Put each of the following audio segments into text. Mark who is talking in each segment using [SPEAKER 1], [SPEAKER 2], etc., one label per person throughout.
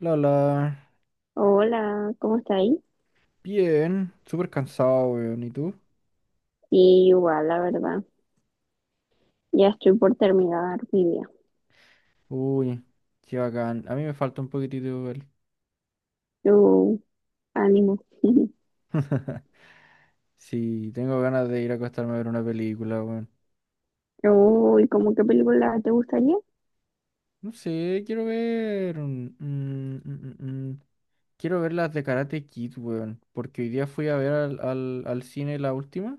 [SPEAKER 1] Lala,
[SPEAKER 2] Hola, ¿cómo estáis?
[SPEAKER 1] bien. Súper cansado, weón. ¿Y tú?
[SPEAKER 2] Sí, igual, la verdad. Ya estoy por terminar mi día.
[SPEAKER 1] Uy, qué bacán. A mí me falta un poquitito igual.
[SPEAKER 2] Yo, ánimo.
[SPEAKER 1] Sí, tengo ganas de ir a acostarme a ver una película, weón.
[SPEAKER 2] Uy, ¿cómo qué película te gustaría?
[SPEAKER 1] No sé, quiero ver. Quiero ver las de Karate Kid, weón. Porque hoy día fui a ver al cine la última.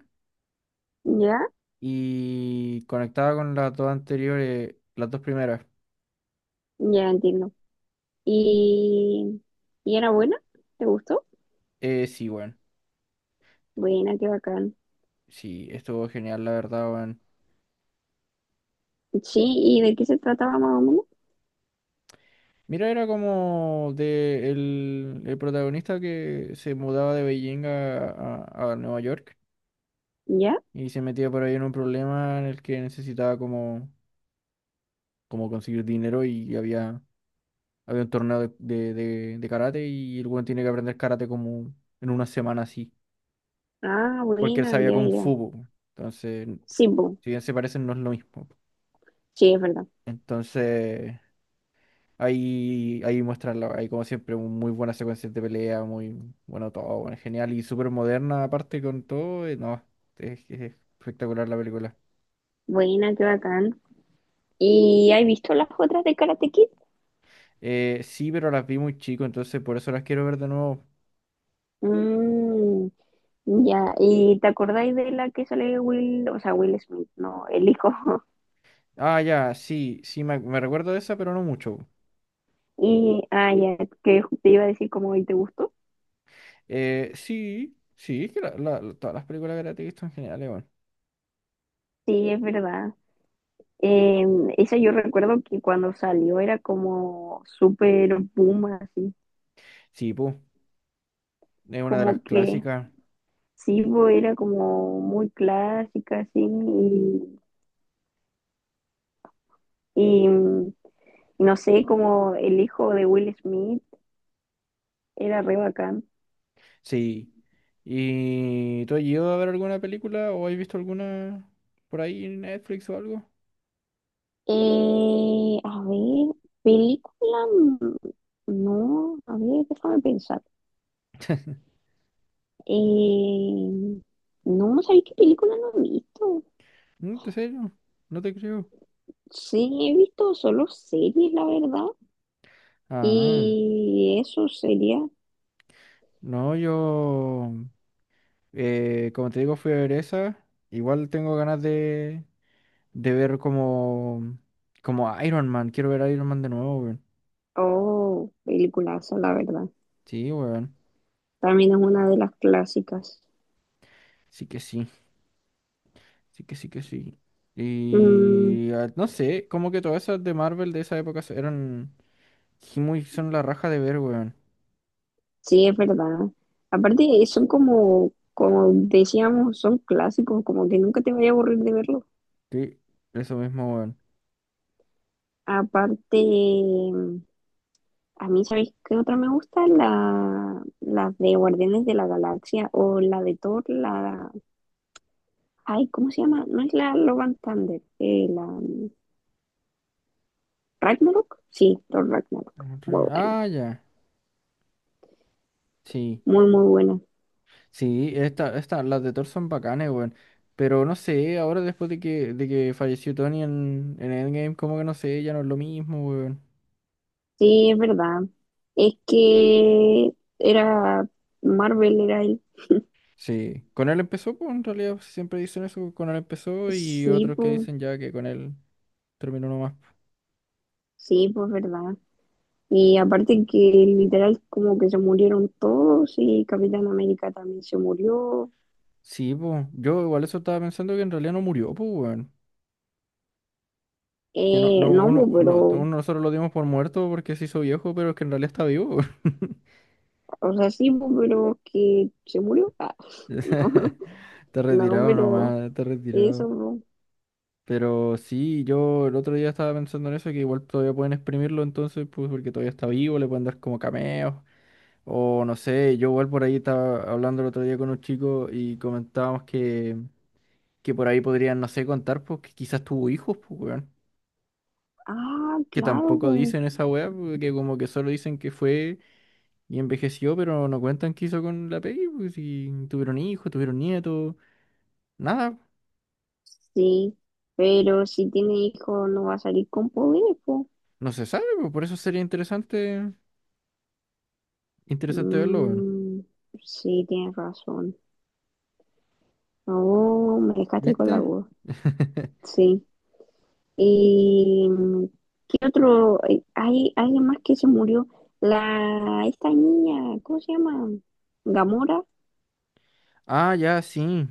[SPEAKER 2] Ya,
[SPEAKER 1] Y conectaba con las dos anteriores, las dos primeras.
[SPEAKER 2] ya entiendo. ¿Y, y era buena? ¿Te gustó?
[SPEAKER 1] Sí, weón.
[SPEAKER 2] Buena, qué bacán.
[SPEAKER 1] Sí, estuvo genial, la verdad, weón.
[SPEAKER 2] Sí, ¿y de qué se trataba más o menos?
[SPEAKER 1] Mira, era como de el protagonista que se mudaba de Beijing a Nueva York
[SPEAKER 2] ¿Ya?
[SPEAKER 1] y se metía por ahí en un problema en el que necesitaba como, como conseguir dinero y había un torneo de karate y el weón tiene que aprender karate como en una semana así,
[SPEAKER 2] Ah,
[SPEAKER 1] porque él
[SPEAKER 2] buena,
[SPEAKER 1] sabía
[SPEAKER 2] ya,
[SPEAKER 1] kung fu,
[SPEAKER 2] ya.
[SPEAKER 1] po. Entonces,
[SPEAKER 2] Sí, bu-
[SPEAKER 1] si bien se parecen, no es lo mismo.
[SPEAKER 2] sí, es verdad.
[SPEAKER 1] Entonces, ahí muestran, ahí como siempre, muy buenas secuencias de pelea, muy bueno todo, bueno, genial y súper moderna aparte con todo. No, es espectacular la película.
[SPEAKER 2] Buena, qué bacán. ¿Y has visto las otras de Karate Kid?
[SPEAKER 1] Sí, pero las vi muy chico, entonces por eso las quiero ver de nuevo.
[SPEAKER 2] Mmm. Ya, ¿y te acordáis de la que sale Will, o sea, Will Smith, no, el hijo?
[SPEAKER 1] Ah, ya, sí, sí, me recuerdo de esa, pero no mucho.
[SPEAKER 2] Y, ah, ya, que te iba a decir como, ¿y te gustó?
[SPEAKER 1] Sí, sí, es que todas las películas que la he visto en general, bueno.
[SPEAKER 2] Sí, es verdad. Eh, Esa yo recuerdo que cuando salió era como súper boom, así,
[SPEAKER 1] Sí, pues, es una de las
[SPEAKER 2] como que
[SPEAKER 1] clásicas.
[SPEAKER 2] sí, bo, era como muy clásica, así, y, y mm, no sé, como el hijo de Will Smith era re bacán.
[SPEAKER 1] Sí. ¿Y tú has ido a ver alguna película o has visto alguna por ahí en Netflix o algo?
[SPEAKER 2] A ver, película, no, a ver, déjame pensar. Eh, no, ¿sabéis qué película no he visto?
[SPEAKER 1] No, ¿en serio? No te creo.
[SPEAKER 2] Sí, he visto solo series, la verdad.
[SPEAKER 1] Ah,
[SPEAKER 2] Y eso sería,
[SPEAKER 1] no, yo, como te digo, fui a ver esa. Igual tengo ganas de ver como, como Iron Man. Quiero ver a Iron Man de nuevo, weón.
[SPEAKER 2] oh, peliculaza, la verdad.
[SPEAKER 1] Sí, weón.
[SPEAKER 2] También es una de las clásicas.
[SPEAKER 1] Sí que sí. Sí que sí que sí.
[SPEAKER 2] Mm,
[SPEAKER 1] Y ah, no sé, como que todas esas de Marvel de esa época eran sí, muy, son la raja de ver, weón.
[SPEAKER 2] sí, es verdad. Aparte, son como, como decíamos, son clásicos, como que nunca te voy a aburrir de verlo.
[SPEAKER 1] Sí, eso mismo, weón.
[SPEAKER 2] Aparte, a mí, ¿sabéis qué otra me gusta? La, las de Guardianes de la Galaxia o la de Thor, la… Ay, ¿cómo se llama? No es la Love and Thunder, la Ragnarok. Sí, Thor Ragnarok. Muy buena,
[SPEAKER 1] Ah, ya. Sí.
[SPEAKER 2] muy, muy buena.
[SPEAKER 1] Sí, esta, las de Thor son bacanes, weón. Pero no sé, ahora después de que falleció Tony en Endgame, como que no sé, ya no es lo mismo, weón.
[SPEAKER 2] Sí, es verdad. Es que era Marvel, era el…
[SPEAKER 1] Sí, con él empezó, pues en realidad siempre dicen eso, con él empezó y
[SPEAKER 2] Sí,
[SPEAKER 1] otros que
[SPEAKER 2] pues,
[SPEAKER 1] dicen ya que con él terminó nomás, pues.
[SPEAKER 2] sí, pues, verdad. Y aparte que literal como que se murieron todos y Capitán América también se murió.
[SPEAKER 1] Sí, pues yo igual eso estaba pensando que en realidad no murió, pues, weón. Que no, no,
[SPEAKER 2] No, pues,
[SPEAKER 1] uno, no, uno
[SPEAKER 2] pero
[SPEAKER 1] nosotros lo dimos por muerto porque se hizo viejo, pero es que en realidad está vivo, weón.
[SPEAKER 2] o sea, sí, po, pero que se murió. Ah, no,
[SPEAKER 1] Está
[SPEAKER 2] no,
[SPEAKER 1] retirado
[SPEAKER 2] pero
[SPEAKER 1] nomás, está
[SPEAKER 2] eso.
[SPEAKER 1] retirado.
[SPEAKER 2] Po.
[SPEAKER 1] Pero sí, yo el otro día estaba pensando en eso, que igual todavía pueden exprimirlo entonces, pues porque todavía está vivo, le pueden dar como cameos, o no sé, yo igual por ahí estaba hablando el otro día con un chico y comentábamos que por ahí podrían, no sé, contar, pues que quizás tuvo hijos, pues weón,
[SPEAKER 2] Ah,
[SPEAKER 1] que
[SPEAKER 2] claro,
[SPEAKER 1] tampoco
[SPEAKER 2] po.
[SPEAKER 1] dicen esa weá, pues, que como que solo dicen que fue y envejeció, pero no cuentan qué hizo con la peli, pues si tuvieron hijos, tuvieron nietos, nada,
[SPEAKER 2] Sí, pero si tiene hijo no va a salir con poderes, po.
[SPEAKER 1] no se sabe, pues por eso sería interesante, interesante verlo, weón.
[SPEAKER 2] Mm, sí, tienes razón. Oh, me dejaste con la
[SPEAKER 1] ¿Viste?
[SPEAKER 2] duda. Sí. ¿Y qué otro? Hay alguien más que se murió. La, esta niña, ¿cómo se llama? Gamora.
[SPEAKER 1] Ah, ya, sí.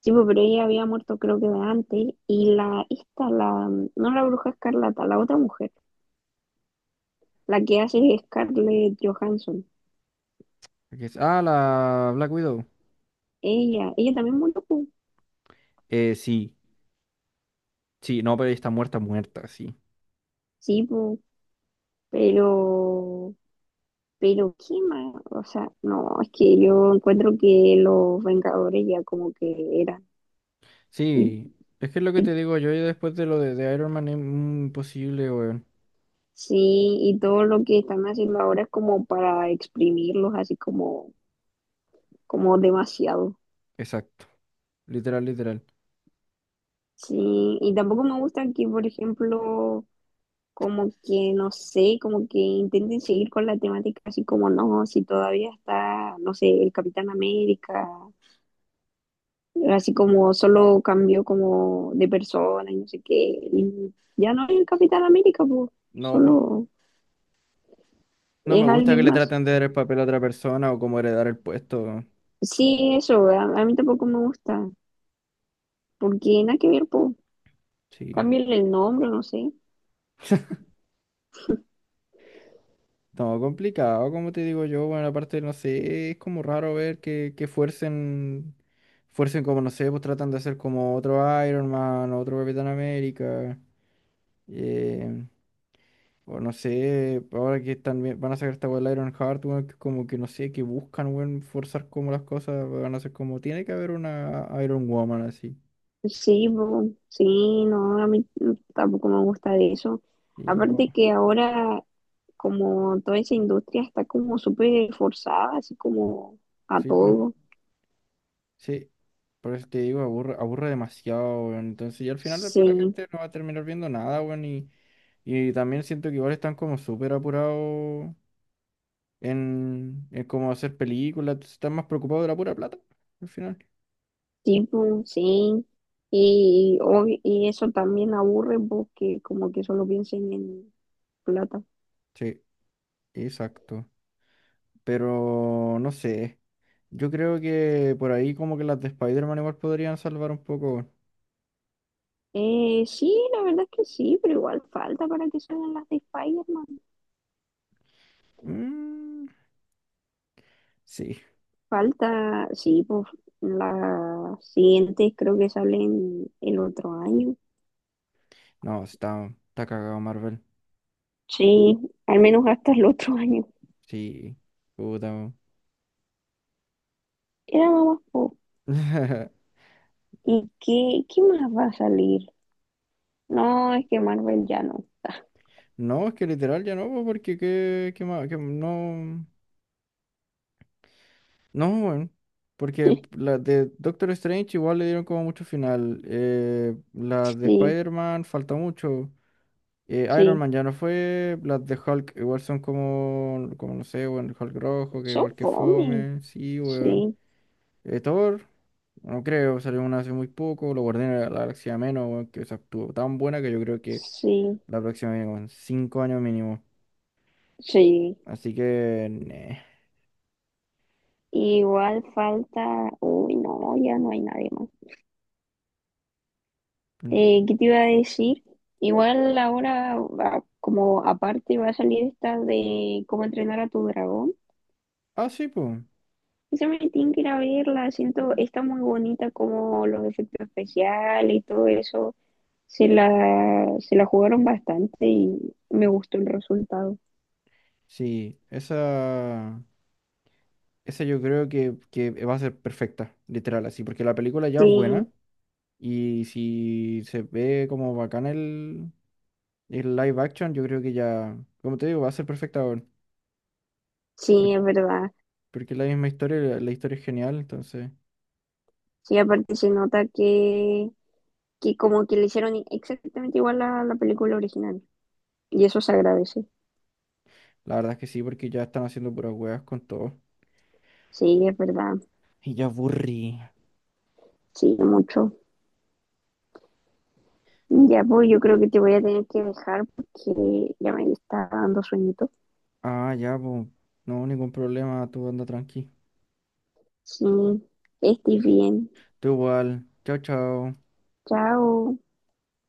[SPEAKER 2] Sí, pues, pero ella había muerto creo que de antes. Y la, esta, la, no la bruja escarlata, la otra mujer, la que hace Scarlett Johansson.
[SPEAKER 1] Ah, la Black Widow.
[SPEAKER 2] Ella también murió, pues.
[SPEAKER 1] Sí. Sí, no, pero ella está muerta, muerta, sí.
[SPEAKER 2] Sí, pues, pero, pero, ¿qué más? O sea, no, es que yo encuentro que los Vengadores ya como que eran. Y-
[SPEAKER 1] Sí. Es que es lo que
[SPEAKER 2] y-
[SPEAKER 1] te digo yo y después de lo de Iron Man es mm, imposible, weón.
[SPEAKER 2] sí, y todo lo que están haciendo ahora es como para exprimirlos así como, como demasiado.
[SPEAKER 1] Exacto. Literal, literal.
[SPEAKER 2] Sí, y tampoco me gusta que, por ejemplo, como que, no sé, como que intenten seguir con la temática, así como no, si todavía está, no sé, el Capitán América, así como solo cambió como de persona y no sé qué, y ya no es el Capitán América, pues,
[SPEAKER 1] No, pues.
[SPEAKER 2] solo
[SPEAKER 1] No me
[SPEAKER 2] es
[SPEAKER 1] gusta que
[SPEAKER 2] alguien
[SPEAKER 1] le
[SPEAKER 2] más.
[SPEAKER 1] traten de dar el papel a otra persona o como heredar el puesto, weón.
[SPEAKER 2] Sí, eso, a mí tampoco me gusta, porque nada que ver, pues,
[SPEAKER 1] Sí.
[SPEAKER 2] cámbiale el nombre, no sé.
[SPEAKER 1] No, complicado, como te digo yo, bueno, aparte, no sé, es como raro ver que fuercen como, no sé, pues tratan de hacer como otro Iron Man, otro Capitán América, eh, o no sé, ahora que están, van a sacar esta weá del Iron Heart, weón, que como que no sé, que buscan, weón, forzar como las cosas, van a ser como, tiene que haber una Iron Woman así,
[SPEAKER 2] Sí, po, sí, no, a mí tampoco me gusta de eso.
[SPEAKER 1] y
[SPEAKER 2] Aparte que ahora como toda esa industria está como súper forzada, así como a
[SPEAKER 1] pues.
[SPEAKER 2] todo.
[SPEAKER 1] Sí, por eso te digo, aburre, aburre demasiado, weón. Entonces, y al final después la
[SPEAKER 2] Sí,
[SPEAKER 1] gente no va a terminar viendo nada, weón. Y también siento que igual están como súper apurados en cómo hacer películas, entonces están más preocupados de la pura plata, al final.
[SPEAKER 2] tipo, sí. Y eso también aburre porque como que solo piensen en plata.
[SPEAKER 1] Sí, exacto. Pero no sé. Yo creo que por ahí como que las de Spider-Man igual podrían salvar un poco, weón.
[SPEAKER 2] Sí, la verdad es que sí, pero igual falta para que salgan las de Spider-Man.
[SPEAKER 1] Mm, sí.
[SPEAKER 2] Falta, sí, pues las siguientes creo que salen el otro año.
[SPEAKER 1] No, está cagado Marvel.
[SPEAKER 2] Sí, al menos hasta el otro año.
[SPEAKER 1] Sí. Puta, weón.
[SPEAKER 2] Era nada más, po. ¿Y qué, qué más va a salir? No, es que Marvel ya no.
[SPEAKER 1] No, es que literal ya no, po, porque qué más, que no, no, bueno, porque la de Doctor Strange igual le dieron como mucho final, la de
[SPEAKER 2] Sí,
[SPEAKER 1] Spider-Man falta mucho, Iron
[SPEAKER 2] sí.
[SPEAKER 1] Man ya no fue, las de Hulk igual son como, como no sé, bueno, Hulk rojo, que
[SPEAKER 2] Son
[SPEAKER 1] igual que
[SPEAKER 2] fome.
[SPEAKER 1] fome, sí, weón,
[SPEAKER 2] Sí,
[SPEAKER 1] Thor, no creo, salió una hace muy poco, lo guardé en la Galaxia menos, weón, que esa estuvo tan buena que yo creo que
[SPEAKER 2] sí,
[SPEAKER 1] la próxima viene con 5 años mínimo,
[SPEAKER 2] sí.
[SPEAKER 1] así que, neh.
[SPEAKER 2] Igual falta. Uy, no, ya no hay nadie más. ¿Qué te iba a decir? Igual ahora, como aparte, va a salir esta de cómo entrenar a tu dragón.
[SPEAKER 1] Ah, sí, pues.
[SPEAKER 2] Esa me tienen que ir a verla. Siento, está muy bonita como los efectos especiales y todo eso. Se la jugaron bastante y me gustó el resultado.
[SPEAKER 1] Sí, esa yo creo que va a ser perfecta, literal, así, porque la película ya es
[SPEAKER 2] Sí.
[SPEAKER 1] buena y si se ve como bacán el live action, yo creo que ya, como te digo, va a ser perfecta, weón, por-
[SPEAKER 2] Sí, es verdad.
[SPEAKER 1] porque, es la misma historia, la historia es genial, entonces,
[SPEAKER 2] Sí, aparte se nota que como que le hicieron exactamente igual a la película original. Y eso se agradece.
[SPEAKER 1] la verdad es que sí, porque ya están haciendo puras weas con todo.
[SPEAKER 2] Sí, es verdad.
[SPEAKER 1] Y ya aburrí.
[SPEAKER 2] Sí, mucho. Ya, pues yo creo que te voy a tener que dejar porque ya me está dando sueñito.
[SPEAKER 1] Ah, ya, pues, no, ningún problema, tú anda tranqui.
[SPEAKER 2] Sí, estés bien.
[SPEAKER 1] Tú igual, chao, chao.
[SPEAKER 2] Chao.